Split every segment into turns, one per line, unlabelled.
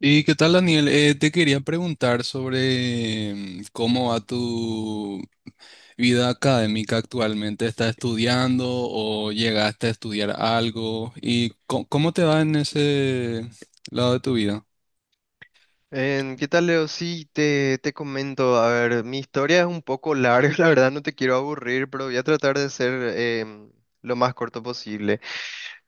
¿Y qué tal, Daniel? Te quería preguntar sobre cómo va tu vida académica actualmente. ¿Estás estudiando o llegaste a estudiar algo? ¿Y cómo te va en ese lado de tu vida?
¿Qué tal, Leo? Sí, te comento. A ver, mi historia es un poco larga, la verdad no te quiero aburrir, pero voy a tratar de ser lo más corto posible.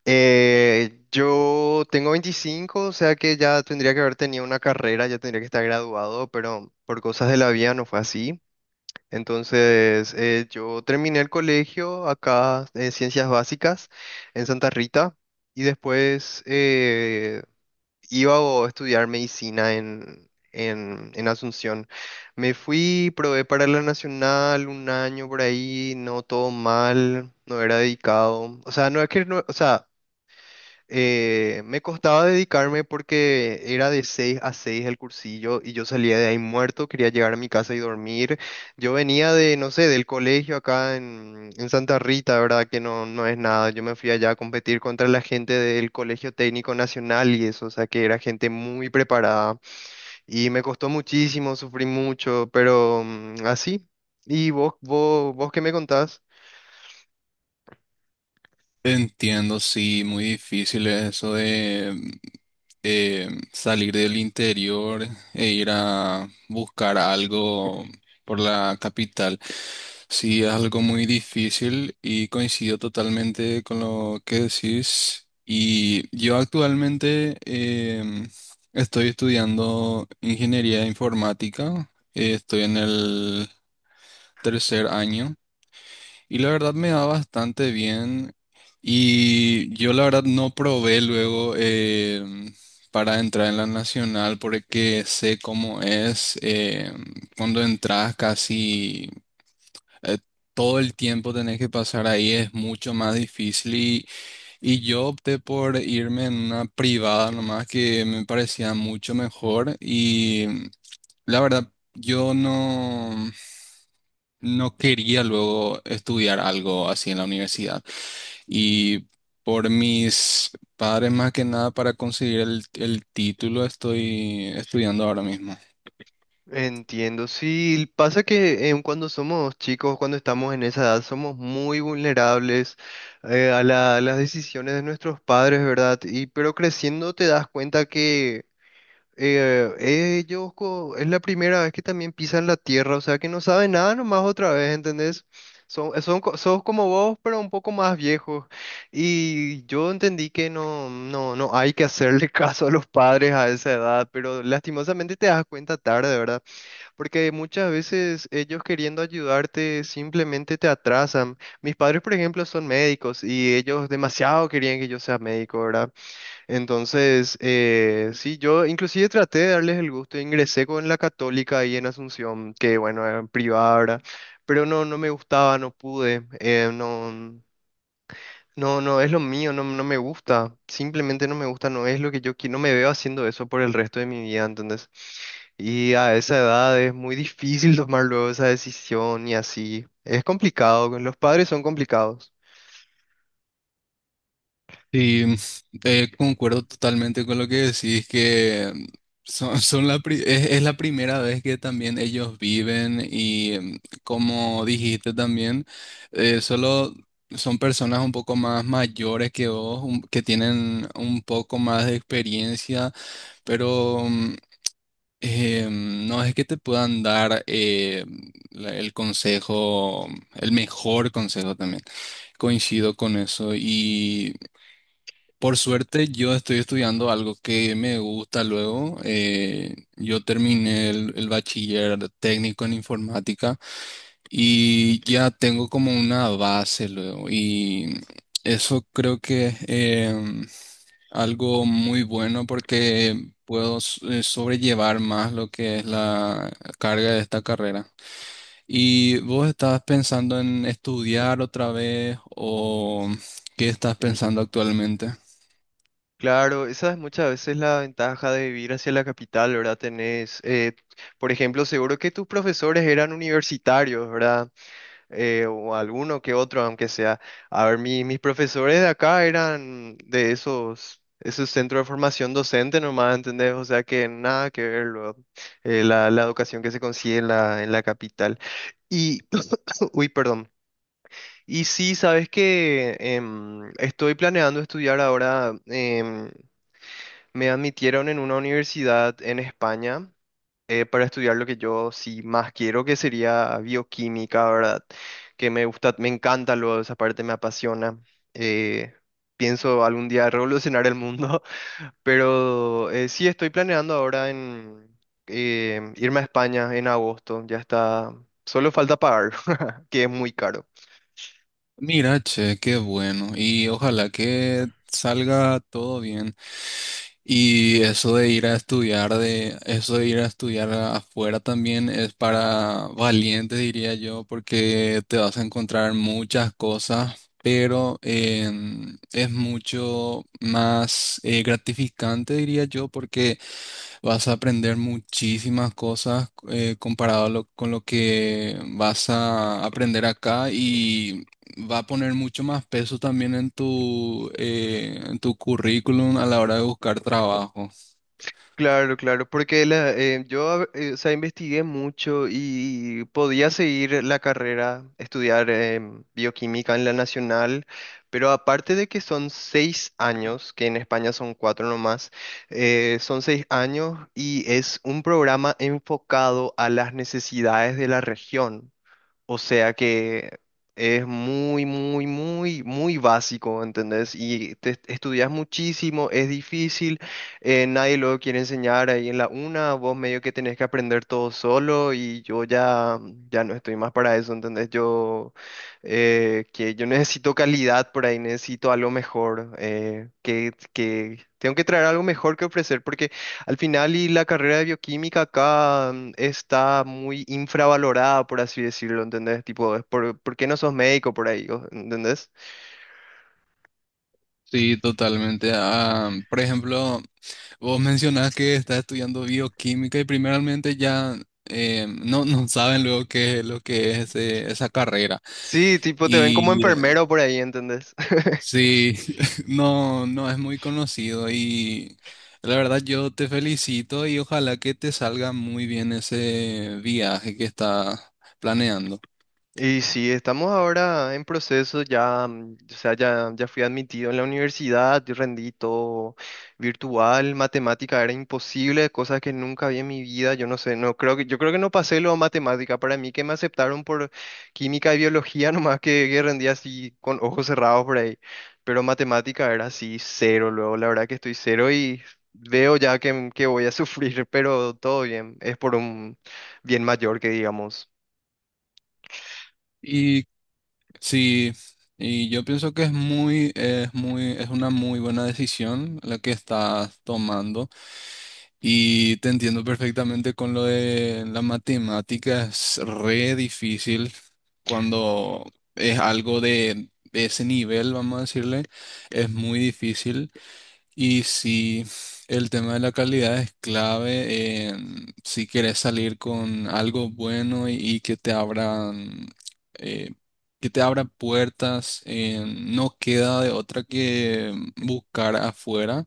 Yo tengo 25, o sea que ya tendría que haber tenido una carrera, ya tendría que estar graduado, pero por cosas de la vida no fue así. Entonces, yo terminé el colegio acá en Ciencias Básicas en Santa Rita y después, iba a estudiar medicina en Asunción. Me fui, probé para la Nacional un año por ahí, no todo mal, no era dedicado. O sea, no es que no, o sea, me costaba dedicarme porque era de 6 a 6 el cursillo y yo salía de ahí muerto, quería llegar a mi casa y dormir. Yo venía de, no sé, del colegio acá en Santa Rita, ¿verdad? Que no, no es nada. Yo me fui allá a competir contra la gente del Colegio Técnico Nacional y eso, o sea, que era gente muy preparada y me costó muchísimo, sufrí mucho, pero así. ¿Y vos qué me contás?
Entiendo, sí, muy difícil es eso de salir del interior e ir a buscar algo por la capital. Sí, es algo muy difícil y coincido totalmente con lo que decís. Y yo actualmente em, estoy estudiando ingeniería informática, estoy en el tercer año. Y la verdad me da bastante bien. Y yo la verdad no probé luego para entrar en la nacional porque sé cómo es cuando entras casi eh, todo el tiempo tenés que pasar ahí, es mucho más difícil. Y yo opté por irme en una privada nomás que me parecía mucho mejor. Y la verdad yo no, no quería luego estudiar algo así en la universidad. Y por mis padres, más que nada, para conseguir el título, estoy estudiando ahora mismo.
Entiendo, sí, pasa que cuando somos chicos, cuando estamos en esa edad, somos muy vulnerables, a las decisiones de nuestros padres, ¿verdad? Y pero creciendo te das cuenta que eh, es la primera vez que también pisan la tierra, o sea que no saben nada nomás otra vez, ¿entendés? Sos como vos, pero un poco más viejos. Y yo entendí que no, no, no hay que hacerle caso a los padres a esa edad, pero lastimosamente te das cuenta tarde, ¿verdad? Porque muchas veces ellos queriendo ayudarte simplemente te atrasan. Mis padres, por ejemplo, son médicos y ellos demasiado querían que yo sea médico, ¿verdad? Entonces, sí, yo inclusive traté de darles el gusto. Ingresé con la Católica ahí en Asunción, que bueno, era privada, ¿verdad? Pero no, no me gustaba, no pude. No, no, no es lo mío, no, no me gusta. Simplemente no me gusta, no es lo que yo quiero. No me veo haciendo eso por el resto de mi vida, ¿entendés? Y a esa edad es muy difícil tomar luego esa decisión y así. Es complicado, con los padres son complicados.
Y concuerdo totalmente con lo que decís, que son, son la pri- es la primera vez que también ellos viven y como dijiste también, solo son personas un poco más mayores que vos, que tienen un poco más de experiencia, pero no es que te puedan dar el consejo, el mejor consejo también. Coincido con eso. Y por suerte yo estoy estudiando algo que me gusta luego. Yo terminé el bachiller técnico en informática y ya tengo como una base luego. Y eso creo que algo muy bueno porque puedo sobrellevar más lo que es la carga de esta carrera. ¿Y vos estás pensando en estudiar otra vez o qué estás pensando actualmente?
Claro, esa es muchas veces la ventaja de vivir hacia la capital, ¿verdad? Tenés, por ejemplo, seguro que tus profesores eran universitarios, ¿verdad? O alguno que otro, aunque sea. A ver, mis profesores de acá eran de esos, esos centros de formación docente nomás, ¿entendés? O sea que nada que ver luego, la educación que se consigue en la capital. Y, uy, perdón. Y sí, sabes que estoy planeando estudiar ahora, me admitieron en una universidad en España para estudiar lo que yo sí más quiero, que sería bioquímica, ¿verdad? Que me gusta, me encanta luego esa parte me apasiona. Eh, Pienso algún día revolucionar el mundo, pero sí estoy planeando ahora en irme a España en agosto, ya está, solo falta pagar, que es muy caro.
Mira, che, qué bueno. Y ojalá que salga todo bien. Y eso de ir a estudiar eso de ir a estudiar afuera también es para valientes, diría yo, porque te vas a encontrar muchas cosas, pero es mucho más gratificante, diría yo, porque vas a aprender muchísimas cosas comparado a con lo que vas a aprender acá y va a poner mucho más peso también en en tu currículum a la hora de buscar trabajo.
Claro, claro, porque yo, o sea, investigué mucho y podía seguir la carrera, estudiar bioquímica en la nacional, pero aparte de que son 6 años, que en España son cuatro nomás, son 6 años y es un programa enfocado a las necesidades de la región. O sea que es muy, muy, muy, muy básico, ¿entendés? Y te estudias muchísimo, es difícil, nadie lo quiere enseñar ahí en la una, vos medio que tenés que aprender todo solo y yo ya, ya no estoy más para eso, ¿entendés? Que yo necesito calidad por ahí, necesito algo mejor, que tengo que traer algo mejor que ofrecer al final, y la carrera de bioquímica acá está muy infravalorada, por así decirlo, ¿entendés? Tipo, ¿por qué no sos médico por ahí? ¿Entendés?
Sí, totalmente. Ah, por ejemplo, vos mencionás que estás estudiando bioquímica y primeramente ya no, no saben luego qué es lo que es esa carrera.
Sí, tipo, te ven como
Y
enfermero por ahí, ¿entendés?
sí, no, no es muy conocido y la verdad yo te felicito y ojalá que te salga muy bien ese viaje que estás planeando.
Y sí, estamos ahora en proceso, ya, o sea, ya fui admitido en la universidad, yo rendí todo virtual, matemática era imposible, cosas que nunca vi en mi vida, yo no sé, no creo que, yo creo que no pasé lo de matemática, para mí que me aceptaron por química y biología, nomás que rendí así con ojos cerrados por ahí, pero matemática era así cero, luego la verdad que estoy cero y veo ya que voy a sufrir, pero todo bien, es por un bien mayor que digamos.
Y sí, y yo pienso que es muy, es una muy buena decisión la que estás tomando. Y te entiendo perfectamente con lo de la matemática, es re difícil cuando es algo de ese nivel, vamos a decirle, es muy difícil. Y si el tema de la calidad es clave, en si quieres salir con algo bueno y que te abran, eh, que te abra puertas, en- no queda de otra que buscar afuera.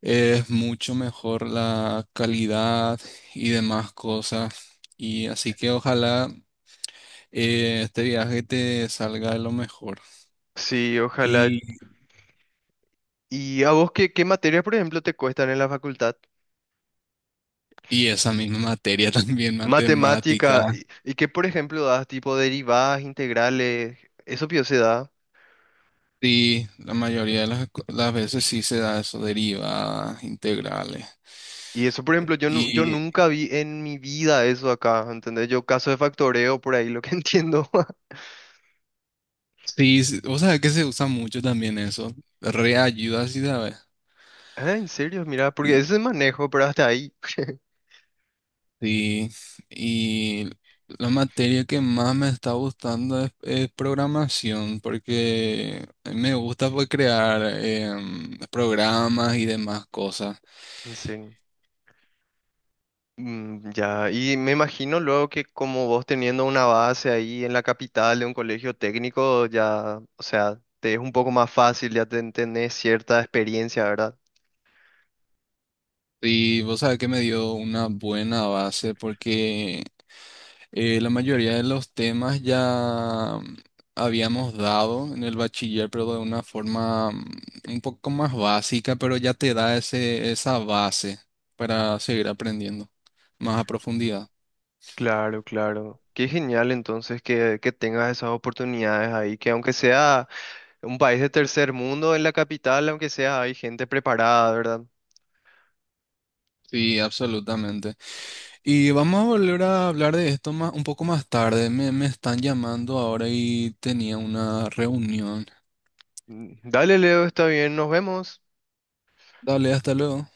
Es mucho mejor la calidad y demás cosas. Y así que ojalá este viaje te salga de lo mejor.
Sí, ojalá.
Y,
¿Y a vos qué, qué materias, por ejemplo, te cuestan en la facultad?
y esa misma materia también, matemática.
Matemática, y qué, por ejemplo, das tipo derivadas, integrales, eso pio se da.
Sí, la mayoría de las veces sí se da eso, derivadas, integrales.
Y eso, por ejemplo, yo
Y
nunca vi en mi vida eso acá, ¿entendés? Yo caso de factoreo, por ahí lo que entiendo.
sí, o sea que se usa mucho también eso. Reayuda, sí sabes.
Ah, en serio, mira, porque ese manejo, pero hasta ahí.
Sí, y la materia que más me está gustando es programación, porque me gusta pues, crear programas y demás cosas.
En serio. Mm, ya, y me imagino luego que como vos teniendo una base ahí en la capital de un colegio técnico, ya, o sea, te es un poco más fácil, ya tenés cierta experiencia, ¿verdad?
Y vos sabés que me dio una buena base, porque la mayoría de los temas ya habíamos dado en el bachiller, pero de una forma un poco más básica, pero ya te da esa base para seguir aprendiendo más a profundidad.
Claro, claro. Qué genial entonces que tengas esas oportunidades ahí, que aunque sea un país de tercer mundo en la capital, aunque sea, hay gente preparada, ¿verdad?
Sí, absolutamente. Y vamos a volver a hablar de esto más, un poco más tarde. Me están llamando ahora y tenía una reunión.
Mm, dale, Leo, está bien, nos vemos.
Dale, hasta luego.